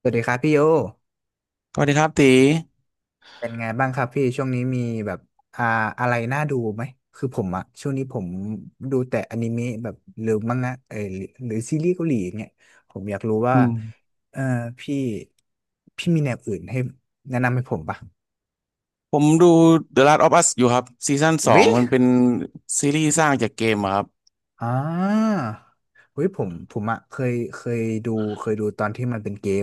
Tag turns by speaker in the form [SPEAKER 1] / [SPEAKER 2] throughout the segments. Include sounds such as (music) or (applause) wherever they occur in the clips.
[SPEAKER 1] สวัสดีครับพี่โย
[SPEAKER 2] สวัสดีครับตี
[SPEAKER 1] เป็นไงบ้างครับพี่ช่วงนี้มีแบบอ่าอะไรน่าดูไหมคือผมอะช่วงนี้ผมดูแต่อนิเมะแบบหรือมังงะหรือซีรีส์เกาหลีอย่างเงี้ยผมอยากรู้ว่า
[SPEAKER 2] อืม
[SPEAKER 1] เออพี่พี่มีแนวอื่นให้แนะนำให้ผมปะ
[SPEAKER 2] ผมดู The Last of Us อยู่ครับซีซั่นสอง
[SPEAKER 1] วิ
[SPEAKER 2] มันเป็นซีรีส์สร้างจากเกมอะครับ
[SPEAKER 1] อ่าเฮ้ยผมอะดูเคยดูตอนที่มันเป็นเกม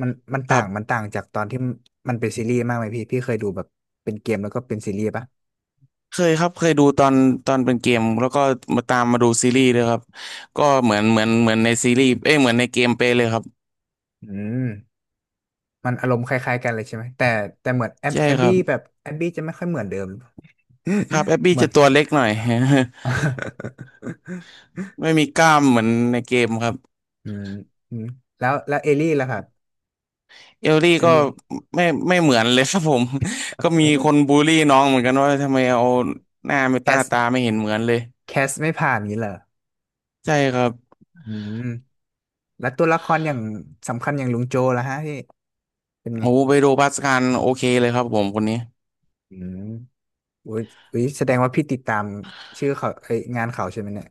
[SPEAKER 1] มันมัน
[SPEAKER 2] ค
[SPEAKER 1] ต่า
[SPEAKER 2] รั
[SPEAKER 1] งมัน
[SPEAKER 2] บ
[SPEAKER 1] ต่างจากตอนที่มันเป็นซีรีส์มากไหมพี่เคยดูแบบเป็นเกมแล้วก็เป็นซีรีส์ปะ
[SPEAKER 2] เคยครับเคยดูตอนเป็นเกมแล้วก็มาตามมาดูซีรีส์ด้วยครับก็เหมือนในซีรีส์เอ้ยเหมือนในเกมเป๊ะเลยครับ
[SPEAKER 1] อืม มันอารมณ์คล้ายๆกันเลยใช่ไหมแต่เหมือน
[SPEAKER 2] ใช่
[SPEAKER 1] แอบ
[SPEAKER 2] ครั
[SPEAKER 1] บี้
[SPEAKER 2] บ
[SPEAKER 1] แบบแอบบี้จะไม่ค่อยเหมือนเดิม
[SPEAKER 2] ครับแอบ
[SPEAKER 1] (laughs)
[SPEAKER 2] บี้
[SPEAKER 1] เหมือ
[SPEAKER 2] จะ
[SPEAKER 1] น
[SPEAKER 2] ตัวเล็กหน่อย
[SPEAKER 1] (laughs)
[SPEAKER 2] (laughs) ไม่มีกล้ามเหมือนในเกมครับ
[SPEAKER 1] อืมอืมแล้วเอลลี่ล่ะครับ
[SPEAKER 2] เอลลี่
[SPEAKER 1] เอล
[SPEAKER 2] ก็
[SPEAKER 1] ลี่
[SPEAKER 2] ไม่ไม่เหมือนเลยครับผม (laughs) ก็มีคนบูลลี่น้องเหมือนกันว่าทำไมเอาหน้าไม่
[SPEAKER 1] แค
[SPEAKER 2] ตา
[SPEAKER 1] ส
[SPEAKER 2] ไม่เห็นเหมือนเลย
[SPEAKER 1] แคสไม่ผ่านงี้เหรอ
[SPEAKER 2] ใช่ครับ
[SPEAKER 1] อืมแล้วตัวละครอย่างสำคัญอย่างลุงโจล่ะฮะพี่เป็นไง
[SPEAKER 2] โอ้เปโดรปาสกาลโอเคเลยครับผมคนนี้
[SPEAKER 1] อืมอุ้ยอุ้ยแสดงว่าพี่ติดตามชื่อเขาเอ้ยงานเขาใช่ไหมเนี่ย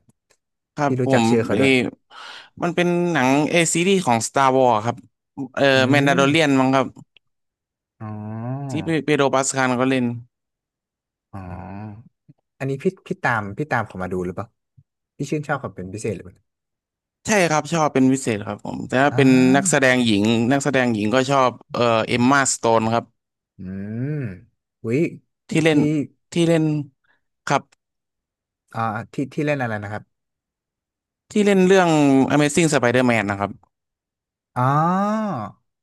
[SPEAKER 2] ครับ
[SPEAKER 1] พี่
[SPEAKER 2] ผ
[SPEAKER 1] รู้จัก
[SPEAKER 2] ม
[SPEAKER 1] ชื่อเขา
[SPEAKER 2] เออ
[SPEAKER 1] ด้วย
[SPEAKER 2] มันเป็นหนังซีรีส์ของ Star Wars ครับเออ
[SPEAKER 1] อื
[SPEAKER 2] แมนดา
[SPEAKER 1] ม
[SPEAKER 2] โลเรียนมั้งครับ
[SPEAKER 1] อ๋อ
[SPEAKER 2] ที่เปโดรปาสกาลก็เล่น
[SPEAKER 1] อ๋อ อันนี้พี่ตามเขามาดูหรือเปล่าพี่ชื่นชอบเขาเป็นพิเศษหรือเปล่า
[SPEAKER 2] ใช่ครับชอบเป็นพิเศษครับผมแต่ถ้า
[SPEAKER 1] อ่
[SPEAKER 2] เป็นนักแสด
[SPEAKER 1] า
[SPEAKER 2] งหญิงนักแสดงหญิงก็ชอบเอมมาสโตนครับ
[SPEAKER 1] อืมอุ้ย
[SPEAKER 2] ที่เล่น
[SPEAKER 1] พี่
[SPEAKER 2] ที่เล่นครับ
[SPEAKER 1] อ่าที่เล่นอะไรนะครับ
[SPEAKER 2] ที่เล่นเรื่อง Amazing Spider-Man นะครับ
[SPEAKER 1] อ๋อ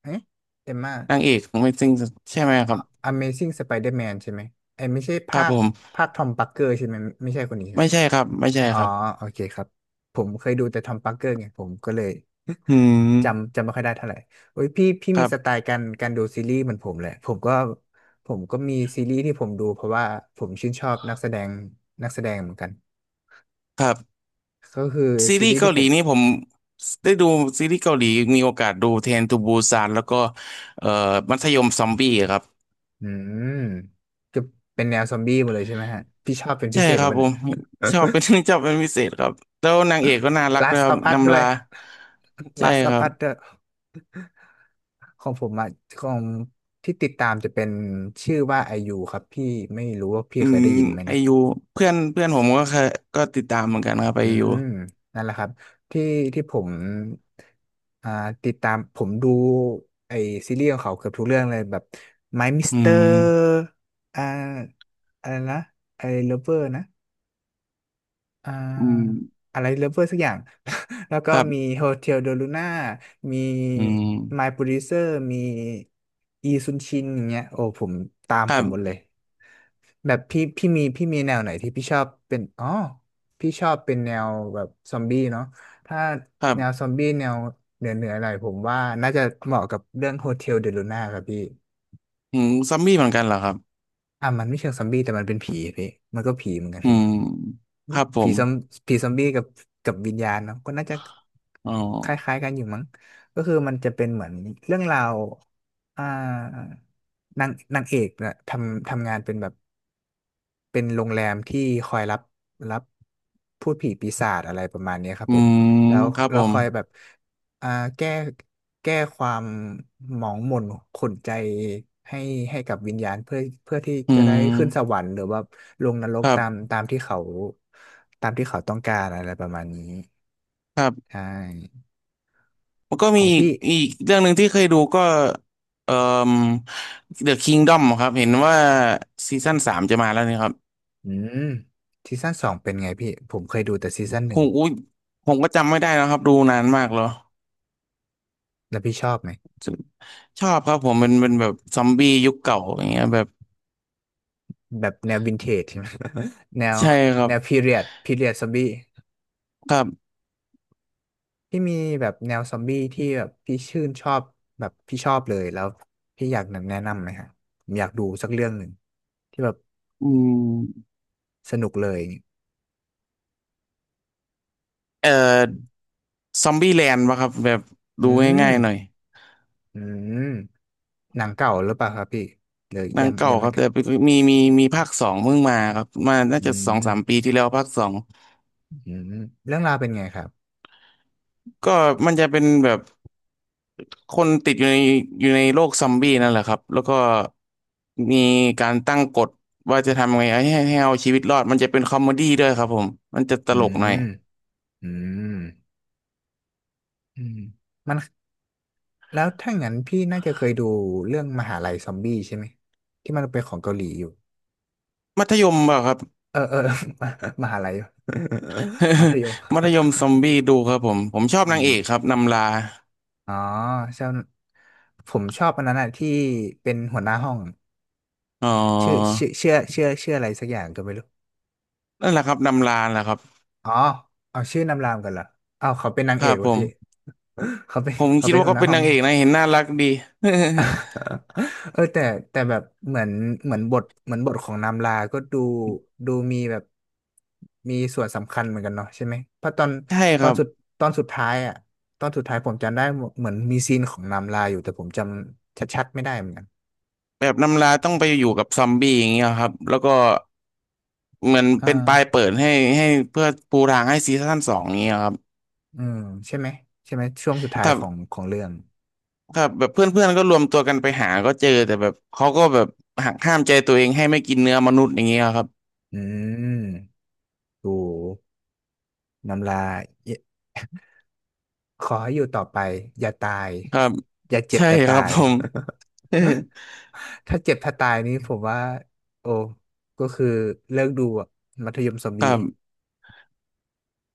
[SPEAKER 1] เอ๊ะเอ็มม่า
[SPEAKER 2] นางเอก Amazing ใช่ไหมครับ
[SPEAKER 1] Amazing Spider-Man ใช่ไหมไอ้ยไม่ใช่
[SPEAKER 2] ครั
[SPEAKER 1] ภา
[SPEAKER 2] บ
[SPEAKER 1] ค
[SPEAKER 2] ผม
[SPEAKER 1] ทอม p ักเกอร์ใช่ไหมไม่ใช่คนนี้ใช่
[SPEAKER 2] ไม่ใช่ครับไม่ใช่
[SPEAKER 1] อ๋อ
[SPEAKER 2] ครับ
[SPEAKER 1] โอเคครับผมเคยดูแต่ทอมปาร์เกอร์ไงผมก็เลย
[SPEAKER 2] อืม
[SPEAKER 1] (laughs) จำไม่ค่อยได้เท่าไหร่โอ้ยพี่
[SPEAKER 2] ค
[SPEAKER 1] มี
[SPEAKER 2] รั
[SPEAKER 1] สไต
[SPEAKER 2] บ
[SPEAKER 1] ล์การดูซีรีส์เหมือนผมเลยผมก็มีซีรีส์ที่ผมดูเพราะว่าผมชื่นชอบนักแสดงเหมือนกัน
[SPEAKER 2] ครับ
[SPEAKER 1] ก็คือ
[SPEAKER 2] ซี
[SPEAKER 1] ซี
[SPEAKER 2] รี
[SPEAKER 1] รี
[SPEAKER 2] ส์
[SPEAKER 1] ส์
[SPEAKER 2] เกา
[SPEAKER 1] ที่
[SPEAKER 2] ห
[SPEAKER 1] ผ
[SPEAKER 2] ลี
[SPEAKER 1] ม
[SPEAKER 2] นี่ผมได้ดูซีรีส์เกาหลีมีโอกาสดูเทรนทูบูซานแล้วก็เอ่อมัธยมซอมบี้ครับ
[SPEAKER 1] อืมจะเป็นแนวซอมบี้หมดเลยใช่ไหมฮะพี่ชอบเป็นพิ
[SPEAKER 2] ใช่
[SPEAKER 1] เศษห
[SPEAKER 2] ค
[SPEAKER 1] รือ
[SPEAKER 2] รับ
[SPEAKER 1] เปล่า
[SPEAKER 2] ผ
[SPEAKER 1] เนี่ย
[SPEAKER 2] มชอบเป็น (laughs) ชอบเป็นพิเศษครับแล้วนางเอกก็น่ารักด้วย
[SPEAKER 1] Last
[SPEAKER 2] ครับ
[SPEAKER 1] of Us
[SPEAKER 2] นำ
[SPEAKER 1] ด้ว
[SPEAKER 2] ลา
[SPEAKER 1] ย (laughs)
[SPEAKER 2] ใช่
[SPEAKER 1] Last
[SPEAKER 2] ค
[SPEAKER 1] of
[SPEAKER 2] รับ
[SPEAKER 1] Us ด้วยของผมอะของที่ติดตามจะเป็นชื่อว่าไอยูครับพี่ไม่รู้ว่าพี่
[SPEAKER 2] อื
[SPEAKER 1] เคย
[SPEAKER 2] ม
[SPEAKER 1] ได้ยินไหม
[SPEAKER 2] ไอ
[SPEAKER 1] นะ
[SPEAKER 2] ยูเพื่อนเพื่อนผมก็เคยก็ติดตามเหมือนกันครับไอ
[SPEAKER 1] อื
[SPEAKER 2] ยู
[SPEAKER 1] มนั่นแหละครับที่ที่ผมอ่าติดตามผมดูไอซีรีส์ของเขาเกือบทุกเรื่องเลยแบบ My
[SPEAKER 2] อื
[SPEAKER 1] Mister
[SPEAKER 2] ม
[SPEAKER 1] อ่าอะไรนะไอ Lover นะอ่
[SPEAKER 2] อืม
[SPEAKER 1] าอะไร Lover สักอย่าง (laughs) แล้วก็
[SPEAKER 2] ครั
[SPEAKER 1] มี
[SPEAKER 2] บ
[SPEAKER 1] Hotel de Luna มี
[SPEAKER 2] อืม
[SPEAKER 1] My Producer มีอีซุนชินอย่างเงี้ยโอ้ผมตาม
[SPEAKER 2] ค
[SPEAKER 1] ผ
[SPEAKER 2] รั
[SPEAKER 1] มหมด
[SPEAKER 2] บ
[SPEAKER 1] เลย แบบพี่มีแนวไหนที่พี่ชอบเป็นอ๋อพี่ชอบเป็นแนวแบบซอมบี้เนาะถ้า
[SPEAKER 2] ครั
[SPEAKER 1] แนวซอ
[SPEAKER 2] บ
[SPEAKER 1] มบี้แนวเหนือหน่อยผมว่าน่าจะเหมาะกับเรื่องโฮเทลเดลูน่าครับพี่
[SPEAKER 2] อืมซอมบี้เหมือนกันเหรอครับ
[SPEAKER 1] อ่ะมันไม่เชิงซอมบี้แต่มันเป็นผีพี่มันก็ผีเหมือนกัน
[SPEAKER 2] อืม
[SPEAKER 1] พี่
[SPEAKER 2] ครับผ
[SPEAKER 1] ผี
[SPEAKER 2] ม
[SPEAKER 1] ซอมผีซอมบี้กับวิญญาณเนาะก็น่าจะ
[SPEAKER 2] อ๋อ
[SPEAKER 1] คล้ายๆกันอยู่มั้งก็คือมันจะเป็นเหมือนเรื่องราวอ่านางเอกนะทำงานเป็นแบบ เป็นโรงแรมที่คอยรับรับพูดผีปีศาจอะไรประมาณเนี้ยครับ
[SPEAKER 2] อื
[SPEAKER 1] ผม
[SPEAKER 2] ม
[SPEAKER 1] แล้ว
[SPEAKER 2] ครับผ
[SPEAKER 1] ค
[SPEAKER 2] ม
[SPEAKER 1] อยแบบอ่าแก้แก้ความหมองหม่นขุ่นใจให้ให้กับวิญญาณเพื่อที่
[SPEAKER 2] อื
[SPEAKER 1] จะได้ขึ้นส
[SPEAKER 2] ม
[SPEAKER 1] วรรค์หรือว่าลงนรก
[SPEAKER 2] ครั
[SPEAKER 1] ตาม
[SPEAKER 2] บ
[SPEAKER 1] ตามที่เขาตามที่เขาต้องการอะไรประมาณนี้ใช่
[SPEAKER 2] มันก็
[SPEAKER 1] ข
[SPEAKER 2] มี
[SPEAKER 1] อง
[SPEAKER 2] อีก
[SPEAKER 1] พี่
[SPEAKER 2] เรื่องหนึ่งที่เคยดูก็เอ่อ The Kingdom ครับเห็นว่าซีซั่นสามจะมาแล้วนี่ครับ
[SPEAKER 1] อืมซีซั่นสองเป็นไงพี่ผมเคยดูแต่ซีซั่นห
[SPEAKER 2] ผ
[SPEAKER 1] นึ่ง
[SPEAKER 2] มอุ้ยผมก็จำไม่ได้นะครับดูนานมากแล้ว
[SPEAKER 1] แล้วพี่ชอบไหม
[SPEAKER 2] ชอบครับผมเป็นแบบซอมบี้ยุคเก่าอย่างเงี้ยแบบ
[SPEAKER 1] แบบแนววินเทจใช่ไหม (laughs) แนว
[SPEAKER 2] ใช่ครับ
[SPEAKER 1] พีเรียดซอมบี้
[SPEAKER 2] ครับ
[SPEAKER 1] พี่มีแบบแนวซอมบี้ที่แบบพี่ชื่นชอบแบบพี่ชอบเลยแล้วพี่อยากแนะนำไหมฮะผมอยากดูสักเรื่องหนึ่งที่แบบ
[SPEAKER 2] อืม
[SPEAKER 1] สนุกเลย
[SPEAKER 2] เอ่อซอมบี้แลนด์ป่ะครับแบบ
[SPEAKER 1] อื
[SPEAKER 2] ดู
[SPEAKER 1] ม
[SPEAKER 2] ง่ายๆหน่อย
[SPEAKER 1] อืมหนังเก่าหรือเปล่าครับพี่หรือ
[SPEAKER 2] หนั
[SPEAKER 1] ยั
[SPEAKER 2] ง
[SPEAKER 1] ง
[SPEAKER 2] เก่า
[SPEAKER 1] ยัง
[SPEAKER 2] ค
[SPEAKER 1] ไม่
[SPEAKER 2] รับ
[SPEAKER 1] เก่า
[SPEAKER 2] แต่มีมีมีภาคสองเพิ่งมาครับมาน่า
[SPEAKER 1] อื
[SPEAKER 2] จะสองสามปี
[SPEAKER 1] ม
[SPEAKER 2] ที่แล้วภาคสอง
[SPEAKER 1] อืมเรื่องราวเป็นไงครับ
[SPEAKER 2] ก็มันจะเป็นแบบ คนติดอยู่ในโลกซอมบี้นั่นแหละครับแล้วก็มีการตั้งกฎว่าจะทำไงให้เอาชีวิตรอดมันจะเป็นคอมเมดี้ด้วยครับผมมันจะต
[SPEAKER 1] อื
[SPEAKER 2] ลกหน่อ
[SPEAKER 1] ม
[SPEAKER 2] ย
[SPEAKER 1] อืมอืมมันแล้วถ้างั้นพี่น่าจะเคยดูเรื่องมหาลัยซอมบี้ใช่ไหมที่มันเป็นของเกาหลีอยู่
[SPEAKER 2] มัธยมเปล่าครับ
[SPEAKER 1] เออเออ (laughs) มาหาลัย (laughs) มัธยม
[SPEAKER 2] (laughs) มัธยมซอมบี้ดูครับผมชอ
[SPEAKER 1] (laughs)
[SPEAKER 2] บ
[SPEAKER 1] อื
[SPEAKER 2] นาง
[SPEAKER 1] ม
[SPEAKER 2] เอกครับนำลา
[SPEAKER 1] อ๋อชอบผมชอบอันนั้นอะที่เป็นหัวหน้าห้อง
[SPEAKER 2] อ๋
[SPEAKER 1] ชื่อ
[SPEAKER 2] อ
[SPEAKER 1] ชื่อชื่อชื่อชื่ออะไรสักอย่างก็ไม่รู้
[SPEAKER 2] นั่นแหละครับนำลาแหละครับ
[SPEAKER 1] อ๋อเอาชื่อนำรามกันเหรอเอาวเขาเป็นนาง
[SPEAKER 2] ค
[SPEAKER 1] เอ
[SPEAKER 2] รั
[SPEAKER 1] ก
[SPEAKER 2] บ
[SPEAKER 1] เล
[SPEAKER 2] ผ
[SPEAKER 1] ยพี่
[SPEAKER 2] ม
[SPEAKER 1] (laughs) เขาเป็น
[SPEAKER 2] ผม
[SPEAKER 1] เขา
[SPEAKER 2] คิด
[SPEAKER 1] เป็น
[SPEAKER 2] ว่า
[SPEAKER 1] หัว
[SPEAKER 2] ก็
[SPEAKER 1] หน้า
[SPEAKER 2] เป็น
[SPEAKER 1] ห้อง
[SPEAKER 2] นางเอ
[SPEAKER 1] พี่
[SPEAKER 2] กนะเห็นน่ารักดี
[SPEAKER 1] (laughs) เออแต่แบบเหมือนเหมือนบทเหมือนบทของนามลา ก็ดูมีแบบมีส่วนสำคัญเหมือนกันเนาะใช่ไหมเพราะ
[SPEAKER 2] (laughs) ใช่
[SPEAKER 1] ต
[SPEAKER 2] ค
[SPEAKER 1] อน
[SPEAKER 2] รับ
[SPEAKER 1] สุดตอนสุดท้ายอ่ะตอนสุดท้ายผมจำได้เหมือนมีซีนของนามลาอยู่แต่ผมจำชัดๆไม่ได้เหมือนกัน
[SPEAKER 2] แบบนำลาต้องไปอยู่กับซอมบี้อย่างเงี้ยครับแล้วก็ เหมือน
[SPEAKER 1] อ่
[SPEAKER 2] เป็นปลาย
[SPEAKER 1] า
[SPEAKER 2] เปิดให้เพื่อปูทางให้ซีซั่นสองนี้ครับ
[SPEAKER 1] อืมใช่ไหมใช่ไหมช่วงสุดท้าย
[SPEAKER 2] ถ้า
[SPEAKER 1] ของเรื่อง
[SPEAKER 2] ถ้าแบบเพื่อนๆก็รวมตัวกันไปหาก็เจอแต่แบบเขาก็แบบหักห้ามใจตัวเองให้ไม่กินเนื้อมนุษย์อย่างเงี้ยครับ
[SPEAKER 1] อืมโอ้นามลาขอให้อยู่ต่อไปอย่าตาย
[SPEAKER 2] ครับ
[SPEAKER 1] อย่าเจ็บ
[SPEAKER 2] ใช่
[SPEAKER 1] อย่า
[SPEAKER 2] ค
[SPEAKER 1] ตา
[SPEAKER 2] รับ
[SPEAKER 1] ย
[SPEAKER 2] ผม (laughs)
[SPEAKER 1] ถ้าเจ็บถ้าตายนี้ผมว่าโอ้ก็คือเลิกดูอะมัธยมซอม
[SPEAKER 2] ค
[SPEAKER 1] บี้
[SPEAKER 2] รับ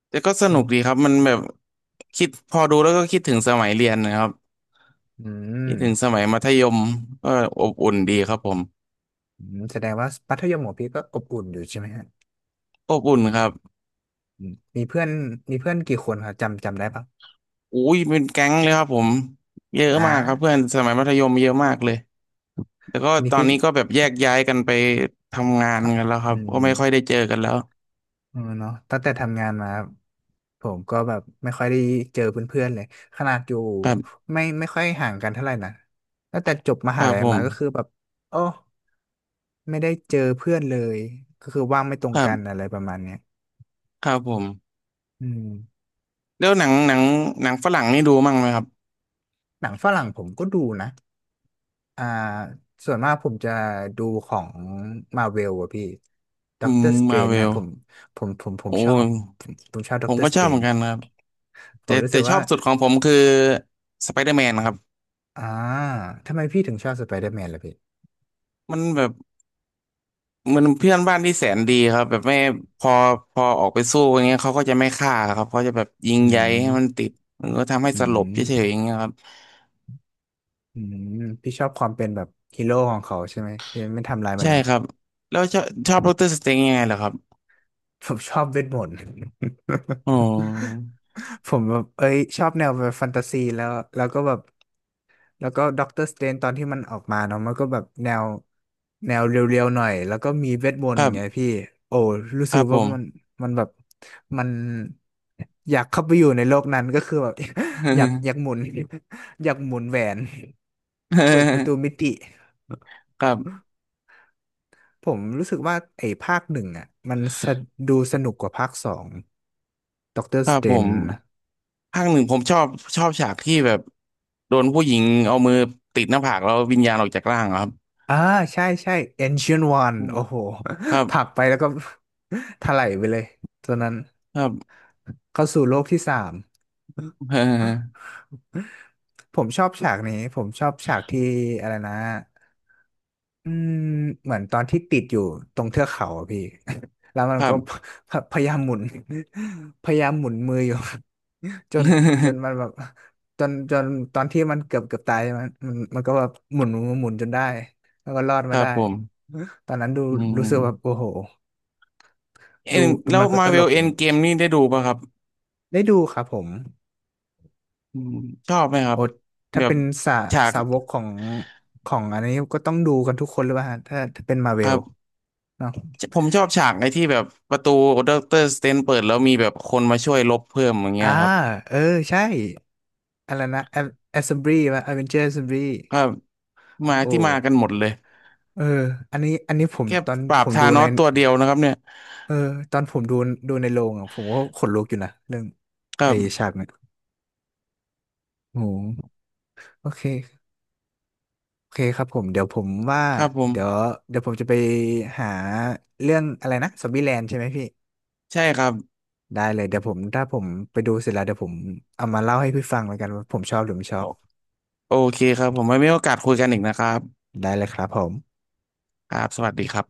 [SPEAKER 2] แต่ก็ส
[SPEAKER 1] อื
[SPEAKER 2] นุกดีค
[SPEAKER 1] ม
[SPEAKER 2] รับมันแบบคิดพอดูแล้วก็คิดถึงสมัยเรียนนะครับ
[SPEAKER 1] อืม
[SPEAKER 2] คิดถึงสมัยมัธยมก็อบอุ่นดีครับผม
[SPEAKER 1] อืมแสดงว่ามัธยมของพี่ก็อบอุ่นอยู่ใช่ไหมฮะ
[SPEAKER 2] อบอุ่นครับ
[SPEAKER 1] อืมมีเพื่อนกี่คนครับจำได้ปะ
[SPEAKER 2] อุ้ยเป็นแก๊งเลยครับผมเยอะ
[SPEAKER 1] อ่
[SPEAKER 2] มากครับเพื่อน
[SPEAKER 1] า
[SPEAKER 2] สมัยมัธยมเยอะมากเลย แต่ก็
[SPEAKER 1] อันนี้
[SPEAKER 2] ตอน
[SPEAKER 1] พี่
[SPEAKER 2] นี้ก็แบบแยกย้ายกันไปทำงาน
[SPEAKER 1] ถาม
[SPEAKER 2] กันแล้วครั
[SPEAKER 1] อื
[SPEAKER 2] บก็ไม่
[SPEAKER 1] ม
[SPEAKER 2] ค่อยได้เจอกันแล้ว
[SPEAKER 1] เออเนาะตั้งแต่ทำงานมาผมก็แบบไม่ค่อยได้เจอเพื่อนๆเลยขนาดอยู่
[SPEAKER 2] ครับ
[SPEAKER 1] ไม่ค่อยห่างกันเท่าไหร่นะตั้งแต่จบม
[SPEAKER 2] ค
[SPEAKER 1] หา
[SPEAKER 2] รับ
[SPEAKER 1] ลัย
[SPEAKER 2] ผ
[SPEAKER 1] มา
[SPEAKER 2] ม
[SPEAKER 1] ก็คือแบบโอ้ไม่ได้เจอเพื่อนเลยก็คือว่างไม่ตร
[SPEAKER 2] ค
[SPEAKER 1] ง
[SPEAKER 2] รั
[SPEAKER 1] กัน
[SPEAKER 2] บ
[SPEAKER 1] อะไรประมาณเนี้ย
[SPEAKER 2] ครับผม
[SPEAKER 1] อืม
[SPEAKER 2] แล้วหนังฝรั่งนี่ดูมั่งไหมครับ
[SPEAKER 1] หนังฝรั่งผมก็ดูนะอ่าส่วนมากผมจะดูของมาเวลอะพี่ด็
[SPEAKER 2] อื
[SPEAKER 1] อกเตอ
[SPEAKER 2] ม
[SPEAKER 1] ร์สเตร
[SPEAKER 2] มา
[SPEAKER 1] น
[SPEAKER 2] เว
[SPEAKER 1] นะ
[SPEAKER 2] ล
[SPEAKER 1] ผมผม
[SPEAKER 2] โอ้
[SPEAKER 1] ชอบ
[SPEAKER 2] ย
[SPEAKER 1] ผมชอบด็
[SPEAKER 2] ผ
[SPEAKER 1] อก
[SPEAKER 2] ม
[SPEAKER 1] เตอร์
[SPEAKER 2] ก็
[SPEAKER 1] ส
[SPEAKER 2] ช
[SPEAKER 1] เต
[SPEAKER 2] อ
[SPEAKER 1] ร
[SPEAKER 2] บเหมื
[SPEAKER 1] น
[SPEAKER 2] อนกันครับ
[SPEAKER 1] ผ
[SPEAKER 2] แต่
[SPEAKER 1] มรู้สึ
[SPEAKER 2] แต่
[SPEAKER 1] ก
[SPEAKER 2] ชอ
[SPEAKER 1] ว่า
[SPEAKER 2] บสุดของผมคือสไปเดอร์แมนครับ
[SPEAKER 1] อ่าทำไมพี่ถึงชอบสไปเดอร์แมนล่ะพี่
[SPEAKER 2] มันแบบเหมันเพื่อนบ้านที่แสนดีครับแบบไม่พอพอออกไปสู้อย่างเงี้ยเขาก็จะไม่ฆ่าครับเขาจะแบบยิง
[SPEAKER 1] อื
[SPEAKER 2] ใยให้มัน
[SPEAKER 1] ม
[SPEAKER 2] ติดมันก็ทำให้
[SPEAKER 1] อื
[SPEAKER 2] สลบเฉยๆ
[SPEAKER 1] ม
[SPEAKER 2] อย่างเงี้ยครับ
[SPEAKER 1] อืม พี่ชอบความเป็นแบบฮีโร่ของเขาใช่ไหมพี่ไม่ทำลายม
[SPEAKER 2] ใช่
[SPEAKER 1] นุษ
[SPEAKER 2] ค
[SPEAKER 1] ย์
[SPEAKER 2] รับแล้วชอบดอกเตอรสเตงยังไงเหรอครับ
[SPEAKER 1] ผมชอบเวทมนต์
[SPEAKER 2] อ๋อ
[SPEAKER 1] (laughs) ผมแบบเอ้ยชอบแนวแบบแฟนตาซีแล้วแล้วก็แบบ แล้วก็ด็อกเตอร์สเตนตอนที่มันออกมาเนาะมันก็แบบแนวเรียวๆหน่อยแล้วก็มีเวทมน
[SPEAKER 2] ค
[SPEAKER 1] ต์
[SPEAKER 2] รั
[SPEAKER 1] ไง
[SPEAKER 2] บ
[SPEAKER 1] พี่โอ้รู้
[SPEAKER 2] ค
[SPEAKER 1] สึก
[SPEAKER 2] รับผ
[SPEAKER 1] ว่า
[SPEAKER 2] ม
[SPEAKER 1] มันมันแบบมันอยากเข้าไปอยู่ในโลกนั้นก็คือแบบ (laughs) อยากหมุน (laughs) อยากหมุนแหวนเปิดประ
[SPEAKER 2] (laughs)
[SPEAKER 1] ตูมิติ
[SPEAKER 2] ครับ
[SPEAKER 1] ผมรู้สึกว่าไอ้ภาคหนึ่งอ่ะมันสะดูสนุกกว่าภาคสองด็อกเตอ
[SPEAKER 2] ค
[SPEAKER 1] ร์ส
[SPEAKER 2] รับ
[SPEAKER 1] เต
[SPEAKER 2] ผ
[SPEAKER 1] น
[SPEAKER 2] มภาคหนึ่งผมชอบฉากที่แบบ โดนผู้หญิงเอามือติดหน้าผากแล้ววิญญาณออกจากร่างอะครับ
[SPEAKER 1] อ่าใช่ใช่ Ancient One โอ้โห
[SPEAKER 2] ครั
[SPEAKER 1] (laughs) ผลัก
[SPEAKER 2] บ
[SPEAKER 1] ไปแล้วก็ (laughs) ถลายไปเลยตัวนั้น
[SPEAKER 2] ครับ
[SPEAKER 1] เข้าสู่โลกที่สาม
[SPEAKER 2] (laughs)
[SPEAKER 1] ผมชอบฉากนี้ผมชอบฉากที่อะไรนะอืมเหมือนตอนที่ติดอยู่ตรงเทือกเขาอะพี่ (laughs) แล้วมั
[SPEAKER 2] ค
[SPEAKER 1] น
[SPEAKER 2] รั
[SPEAKER 1] ก็
[SPEAKER 2] บ
[SPEAKER 1] (laughs) ยายามหมุน (laughs) พยายามหมุนมืออยู่ (laughs) จนจนมั
[SPEAKER 2] (laughs)
[SPEAKER 1] นแบบจนจนตอนที่มันเกือบตายมันก็แบบหมุนจนได้แล้วก็รอด
[SPEAKER 2] ค
[SPEAKER 1] มา
[SPEAKER 2] รับ
[SPEAKER 1] ได้
[SPEAKER 2] ผม
[SPEAKER 1] ตอนนั้นดู
[SPEAKER 2] อื
[SPEAKER 1] รู้สึกแบบ
[SPEAKER 2] ม
[SPEAKER 1] โอ้โห
[SPEAKER 2] เอ็น
[SPEAKER 1] ดู
[SPEAKER 2] แล้
[SPEAKER 1] มั
[SPEAKER 2] ว
[SPEAKER 1] นก็
[SPEAKER 2] มา
[SPEAKER 1] ต
[SPEAKER 2] เว
[SPEAKER 1] ล
[SPEAKER 2] ล
[SPEAKER 1] ก
[SPEAKER 2] เอ็นเกมนี่ได้ดูป่ะครับ
[SPEAKER 1] ได้ดูครับผม
[SPEAKER 2] อืมชอบไหมครั
[SPEAKER 1] โอ้
[SPEAKER 2] บ
[SPEAKER 1] ถ้า
[SPEAKER 2] แบ
[SPEAKER 1] เป็
[SPEAKER 2] บ
[SPEAKER 1] นสา
[SPEAKER 2] ฉาก
[SPEAKER 1] สาวกของของอันนี้ก็ต้องดูกันทุกคนหรือเปล่าฮะถ้าเป็นมาเว
[SPEAKER 2] ครั
[SPEAKER 1] ล
[SPEAKER 2] บ
[SPEAKER 1] เนาะ
[SPEAKER 2] ผมชอบฉากในที่แบบประตูด็อกเตอร์สเตนเปิดแล้วมีแบบคนมาช่วยลบเพิ่มอย่างเงี้
[SPEAKER 1] อ่า
[SPEAKER 2] ยครับ
[SPEAKER 1] เออใช่อะไรนะแอสเซมบลีว่าอเวนเจอร์แอสเซมบลี
[SPEAKER 2] ครับมา
[SPEAKER 1] โอ้
[SPEAKER 2] ที่มากันหมดเลย
[SPEAKER 1] เอออันนี้ผม
[SPEAKER 2] แค่
[SPEAKER 1] ตอน
[SPEAKER 2] ปรา
[SPEAKER 1] ผ
[SPEAKER 2] บ
[SPEAKER 1] ม
[SPEAKER 2] ธา
[SPEAKER 1] ดู
[SPEAKER 2] น
[SPEAKER 1] ใน
[SPEAKER 2] อสตัวเดียวนะครับเนี่ย
[SPEAKER 1] เออตอนผมดูในโรงอ่ะผมก็ขนลุกอยู่นะเรื่อง
[SPEAKER 2] ครั
[SPEAKER 1] ไอ้
[SPEAKER 2] บ
[SPEAKER 1] ฉากเนี่ยโอ้โหโอเค โอเคครับผมเดี๋ยวผมว่า
[SPEAKER 2] ครับผม
[SPEAKER 1] เดี๋ยวเดี๋ยวผมจะไปหาเรื่องอะไรนะซอมบี้แลนด์ใช่ไหมพี่
[SPEAKER 2] ใช่ครับ
[SPEAKER 1] ได้เลยเดี๋ยวผมถ้าผมไปดูเสร็จแล้วเดี๋ยวผมเอามาเล่าให้พี่ฟังเหมือนกันว่าผมชอบหรือไม่ชอ
[SPEAKER 2] โอ
[SPEAKER 1] บ
[SPEAKER 2] โอเคครับผมไว้มีโอกาสคุยกันอีกนะครับ
[SPEAKER 1] ได้เลยครับผม
[SPEAKER 2] ครับสวัสดีครับ